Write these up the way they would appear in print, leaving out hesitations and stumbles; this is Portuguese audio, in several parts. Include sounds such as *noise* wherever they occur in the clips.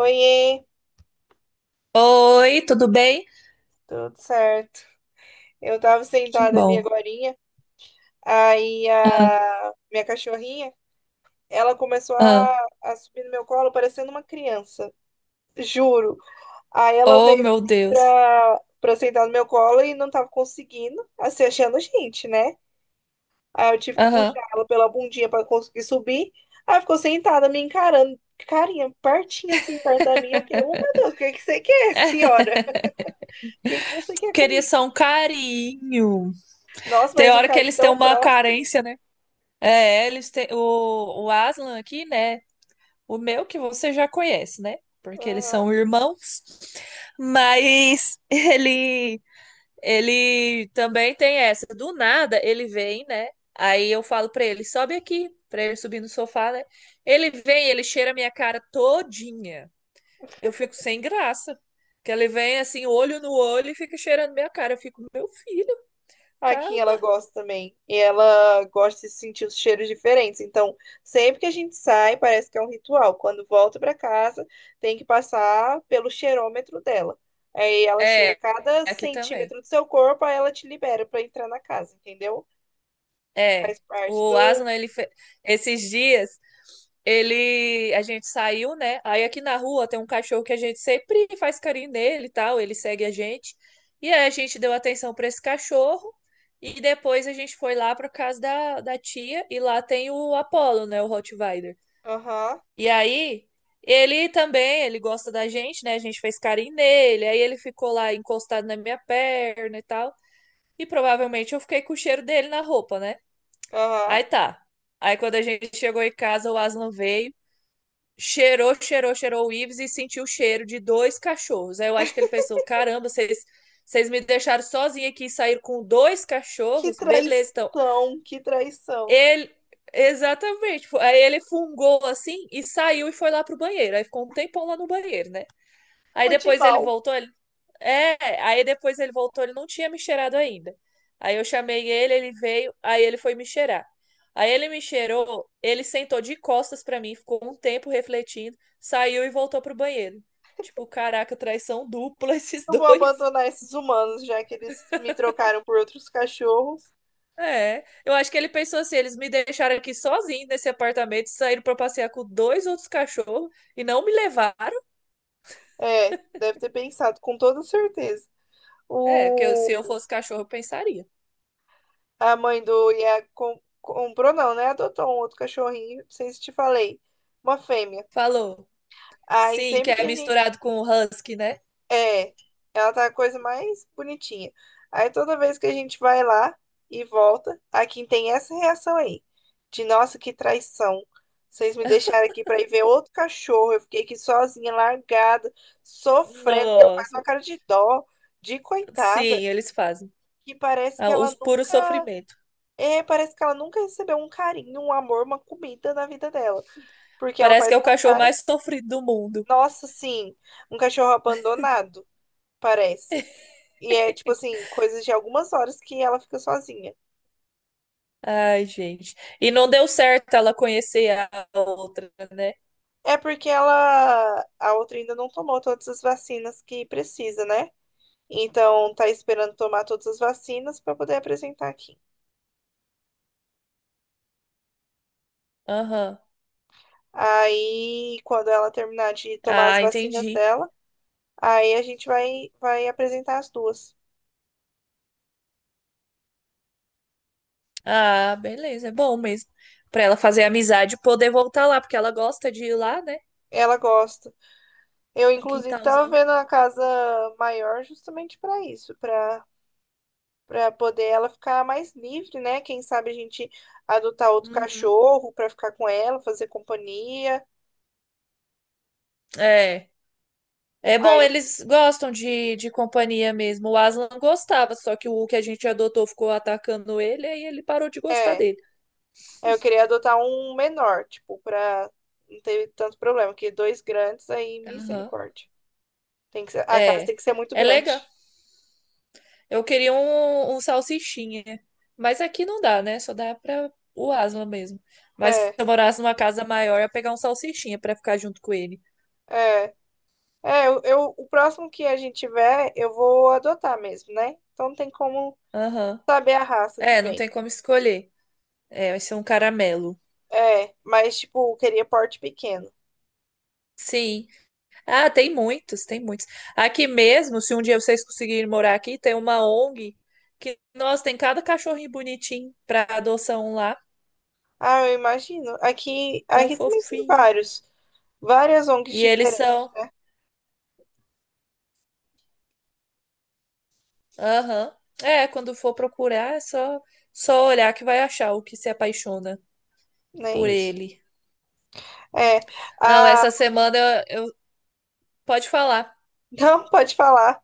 Oiê, Oi, tudo bem? tudo certo? Eu tava Que sentada ali bom. agorinha, aí Ah, a minha cachorrinha, ela começou a, ah. a subir no meu colo parecendo uma criança, juro. Aí ela Oh, veio assim meu Deus. pra sentar no meu colo e não tava conseguindo, assim, achando gente, né? Aí eu tive que Aham. puxar ela pela bundinha pra conseguir subir, aí ficou sentada me encarando, carinha, pertinho assim, perto da minha, eu fiquei, oh meu Deus, o que que você quer, *laughs* *laughs* senhora? O que que você quer Queria comigo? só um carinho. Nossa, Tem mas um hora que carinho eles têm tão uma próximo. carência, né? É, eles têm o Aslan aqui, né? O meu que você já conhece, né? Porque eles Aham. são irmãos. Mas *laughs* ele também tem essa. Do nada ele vem, né? Aí eu falo pra ele, sobe aqui, pra ele subir no sofá, né? Ele vem, ele cheira a minha cara todinha. Eu fico sem graça. Que ele vem assim, olho no olho e fica cheirando minha cara. Eu fico, meu filho, A Kim, ela calma. gosta também. E ela gosta de sentir os cheiros diferentes. Então, sempre que a gente sai, parece que é um ritual. Quando volta para casa, tem que passar pelo cheirômetro dela. Aí ela cheira É, cada aqui também. centímetro do seu corpo, aí ela te libera para entrar na casa, entendeu? É. Faz parte O do. Aslan, esses dias, ele a gente saiu, né? Aí aqui na rua tem um cachorro que a gente sempre faz carinho nele e tal, ele segue a gente. E aí a gente deu atenção para esse cachorro e depois a gente foi lá para casa da tia e lá tem o Apollo, né, o Rottweiler. Aham, E aí, ele também, ele gosta da gente, né? A gente fez carinho nele, aí ele ficou lá encostado na minha perna e tal. E provavelmente eu fiquei com o cheiro dele na roupa, né? aham. Aí tá. Aí quando a gente chegou em casa, o Aslan veio, cheirou, cheirou, cheirou o Ives e sentiu o cheiro de dois cachorros. Aí eu acho que ele pensou: caramba, vocês. Vocês me deixaram sozinha aqui e saíram com dois Que cachorros? Beleza, então traição, que traição. ele, exatamente. Tipo, aí ele fungou assim e saiu e foi lá pro banheiro. Aí ficou um tempão lá no banheiro, né? Aí Tô de depois ele mal. voltou, ele, é, aí depois ele voltou, ele não tinha me cheirado ainda. Aí eu chamei ele, ele veio, aí ele foi me cheirar. Aí ele me cheirou, ele sentou de costas pra mim, ficou um tempo refletindo, saiu e voltou pro banheiro. Tipo, caraca, traição dupla *laughs* esses Eu vou dois. abandonar esses humanos, já que eles me trocaram por outros cachorros. É, eu acho que ele pensou assim, eles me deixaram aqui sozinho nesse apartamento, saíram para passear com dois outros cachorros e não me levaram. É, deve ter pensado, com toda certeza. É, porque O, se eu fosse cachorro, eu pensaria. a mãe do Iago com- comprou, não, né? Adotou um outro cachorrinho, não sei se te falei. Uma fêmea. Falou. Aí Sim, que sempre que é a gente. misturado com o husky, né? É, ela tá a coisa mais bonitinha. Aí toda vez que a gente vai lá e volta, a Kim tem essa reação aí. De nossa, que traição. Vocês me deixaram aqui pra ir ver outro cachorro. Eu fiquei aqui sozinha, largada, sofrendo, porque ela faz Nossa. uma cara de dó, de coitada. Sim, eles fazem. Que parece que Ah, ela os puro nunca. sofrimento. É, parece que ela nunca recebeu um carinho, um amor, uma comida na vida dela. Porque ela Parece que é faz o uma cachorro cara. mais sofrido do mundo. Nossa, sim, um cachorro abandonado, parece. E é tipo assim, coisas de algumas horas que ela fica sozinha. Ai, gente. E não deu certo ela conhecer a outra, né? É porque ela, a outra ainda não tomou todas as vacinas que precisa, né? Então tá esperando tomar todas as vacinas pra poder apresentar aqui. Aham. Aí, quando ela terminar de tomar as Ah, vacinas entendi. dela, aí a gente vai apresentar as duas. Ah, beleza, é bom mesmo. Pra ela fazer amizade e poder voltar lá, porque ela gosta de ir lá, né? Ela gosta. Eu, Então, inclusive, tava quintalzão. vendo a casa maior justamente para isso, para poder ela ficar mais livre, né? Quem sabe a gente adotar outro Uhum. cachorro para ficar com ela, fazer companhia. É. É Aí bom, eu, eles gostam de companhia mesmo. O Aslan gostava, só que o que a gente adotou ficou atacando ele, aí ele parou de gostar é, dele. aí eu queria adotar um menor, tipo, para não ter tanto problema, porque dois grandes aí, Aham. misericórdia. Tem que ser- a casa É. tem que ser muito É legal. grande. Eu queria um salsichinha, mas aqui não dá, né? Só dá pra o Aslan mesmo. Mas se É, eu morasse numa casa maior, eu ia pegar um salsichinha pra ficar junto com ele. é. É, o próximo que a gente tiver, eu vou adotar mesmo, né? Então não tem como Aham. saber a raça que É, não vem. tem como escolher. É, vai ser um caramelo. É, mas tipo, queria porte pequeno. Sim. Ah, tem muitos, tem muitos. Aqui mesmo, se um dia vocês conseguirem morar aqui, tem uma ONG que, nossa, tem cada cachorrinho bonitinho pra adoção lá. Ah, eu imagino. Aqui, Tão aqui também tem fofinho. vários, várias ONGs E eles diferentes, são. né? Aham. É, quando for procurar, só olhar que vai achar o que se apaixona por Nem isso. ele. É, Não, ah, essa semana eu, eu- pode falar. *laughs* não, pode falar.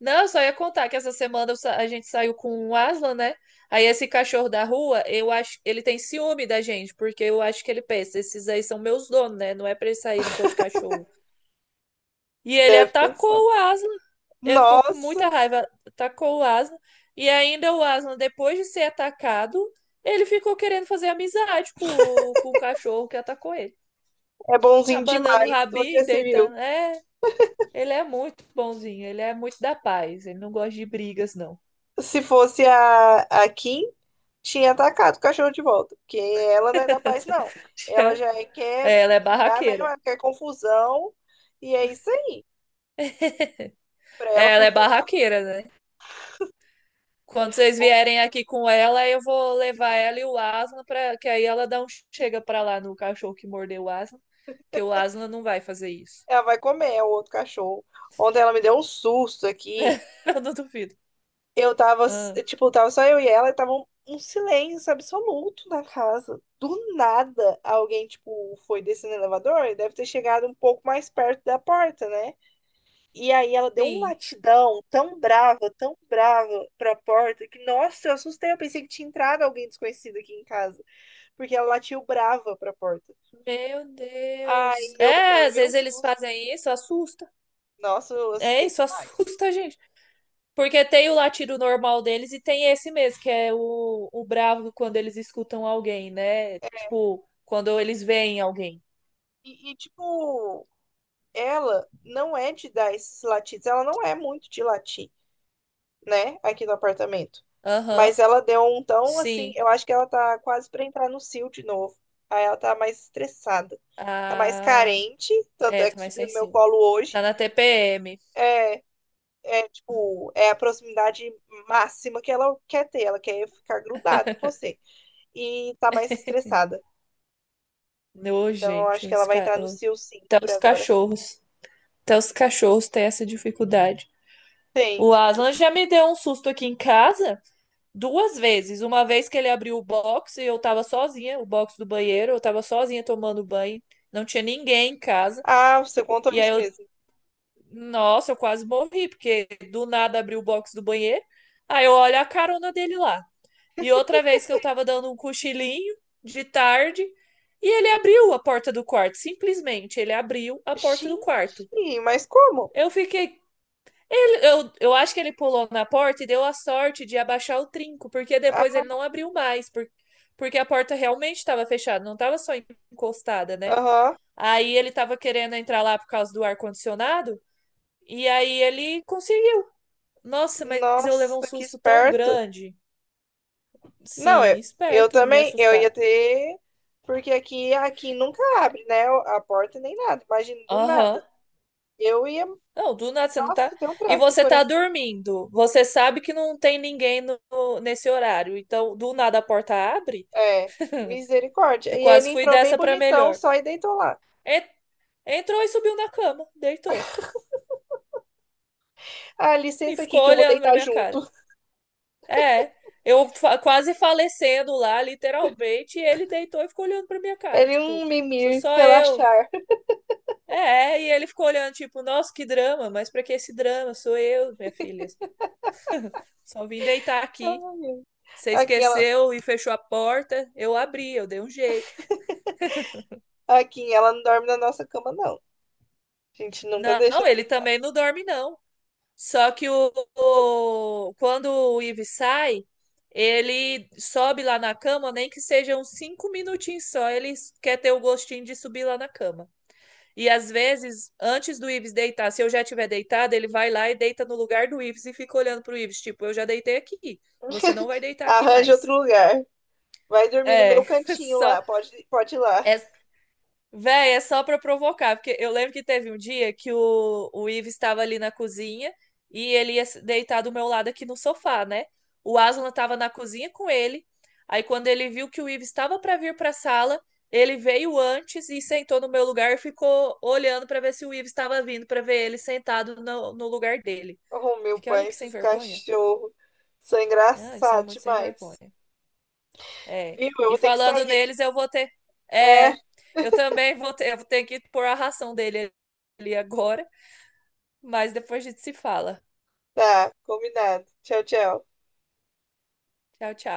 Não, eu só ia contar que essa semana a gente saiu com o Aslan, né? Aí esse cachorro da rua, eu acho, ele tem ciúme da gente, porque eu acho que ele pensa, esses aí são meus donos, né? Não é pra eles saírem enquanto *laughs* cachorro. E ele Deve atacou pensar. o Aslan. Ele ficou com Nossa, muita raiva, atacou o Aslan. E ainda o Aslan, depois de ser atacado, ele ficou querendo fazer amizade com o cachorro que atacou ele. é bonzinho Abanando o demais. Onde já rabinho, se viu? deitando. É, ele é muito bonzinho, ele é muito da paz, ele não gosta de brigas, não. Se fosse a Kim, tinha atacado o cachorro de volta. Porque ela não é da paz, não. Ela já é- *laughs* quer É, ela é brigar mesmo, barraqueira. ela quer confusão. E é isso aí. Pra ela É, ela é funciona é assim. barraqueira, né? Quando vocês vierem aqui com ela, eu vou levar ela e o Aslan para que aí ela dá um chega pra lá no cachorro que mordeu o Aslan, que o Aslan não vai fazer isso. Ela vai comer, é o outro cachorro. Ontem ela me deu um susto aqui. *laughs* Eu não duvido. Eu tava, Ah, tipo, tava só eu e ela, e tava um silêncio absoluto na casa. Do nada, alguém, tipo, foi descendo o elevador e deve ter chegado um pouco mais perto da porta, né? E aí ela deu um sim. latidão tão brava pra porta que, nossa, eu assustei. Eu pensei que tinha entrado alguém desconhecido aqui em casa, porque ela latiu brava pra porta. Meu Deus. Aí eu É, às levei um vezes eles susto. fazem isso, assusta. Nossa, eu É, assustei isso demais. assusta, *laughs* gente. Porque tem o latido normal deles e tem esse mesmo, que é o bravo quando eles escutam alguém, né? Tipo, quando eles veem alguém. Tipo, ela não é de dar esses latidos, ela não é muito de latir, né, aqui no apartamento. Aham. Mas ela deu um tão assim, Sim. eu acho que ela tá quase pra entrar no cio de novo. Aí ela tá mais estressada, tá mais Ah, carente, tanto é, é tá que mais subiu no meu sensível. colo hoje. Tá na TPM. É, é tipo, é a proximidade máxima que ela quer ter, ela quer ficar grudada em você. E tá mais estressada. Ô, Então eu gente, acho que ela vai entrar no cio sim até por os agora. cachorros. Até os cachorros têm essa dificuldade. Tem. O Aslan já me deu um susto aqui em casa duas vezes. Uma vez que ele abriu o box e eu tava sozinha, o box do banheiro, eu tava sozinha tomando banho, não tinha ninguém em casa. Ah, você contou E aí isso eu, mesmo. nossa, eu quase morri, porque do nada abriu o box do banheiro. Aí eu olho a carona dele lá. E outra vez que eu tava dando um cochilinho de tarde, e ele abriu a porta do quarto, simplesmente ele abriu a porta do quarto. Gente, mas como? Eu fiquei. Eu acho que ele pulou na porta e deu a sorte de abaixar o trinco, porque depois Ah, ele não abriu mais, porque a porta realmente estava fechada, não estava só encostada, né? aham. Aí ele estava querendo entrar lá por causa do ar-condicionado, e aí ele conseguiu. Nossa, mas eu levei um Nossa, que susto tão esperto. grande. Não, Sim, eu esperto em me também, eu ia assustar. ter, porque aqui nunca abre, né? A porta nem nada. Imagina, do Aham. nada. Eu ia, Não, do nada você não tá. nossa, tem um E treco do você tá coração. dormindo. Você sabe que não tem ninguém nesse horário. Então, do nada a porta abre. É, misericórdia. Eu E aí ele quase fui entrou bem dessa pra bonitão, melhor. só e deitou lá. En- Entrou e subiu na cama, deitou. Ah, E licença aqui ficou que eu vou olhando pra deitar minha junto. cara. É, eu quase falecendo lá, literalmente. E ele deitou e ficou olhando pra minha cara. Ele, Tipo, um sou mimir, só eu. relaxar. *laughs* É, e ele ficou olhando, tipo, nossa, que drama. Mas pra que esse drama? Sou eu, minha filha. Só vim deitar Ai, aqui. ai. Você Aqui ela, esqueceu e fechou a porta. Eu abri, eu dei um jeito. *laughs* aqui ela não dorme na nossa cama, não. A gente nunca Não, deixa ela ele deitar. também não dorme, não. Só que quando o Ives sai, ele sobe lá na cama, nem que seja uns cinco minutinhos só. Ele quer ter o gostinho de subir lá na cama. E às vezes, antes do Ives deitar, se eu já tiver deitado, ele vai lá e deita no lugar do Ives e fica olhando pro Ives, tipo, eu já deitei aqui. Você não vai *laughs* deitar aqui Arranja mais. outro lugar. Vai dormir no meu É, *laughs* cantinho só lá. Pode ir lá. é véi, é só pra provocar, porque eu lembro que teve um dia que o Ives estava ali na cozinha e ele ia se deitar do meu lado aqui no sofá, né? O Aslan tava na cozinha com ele. Aí quando ele viu que o Ives estava pra vir pra sala, ele veio antes e sentou no meu lugar e ficou olhando pra ver se o Ives estava vindo, pra ver ele sentado no lugar dele. Oh, meu Fiquei, olha pai, que sem esses vergonha. cachorros são Ah, eles são engraçados muito sem demais. vergonha. É. Viu? Eu E vou ter que falando sair aqui. neles, eu vou ter. É, É, eu também vou ter, eu vou ter que pôr a ração dele ali agora, mas depois a gente se fala. tá, combinado. Tchau, tchau. Tchau, tchau.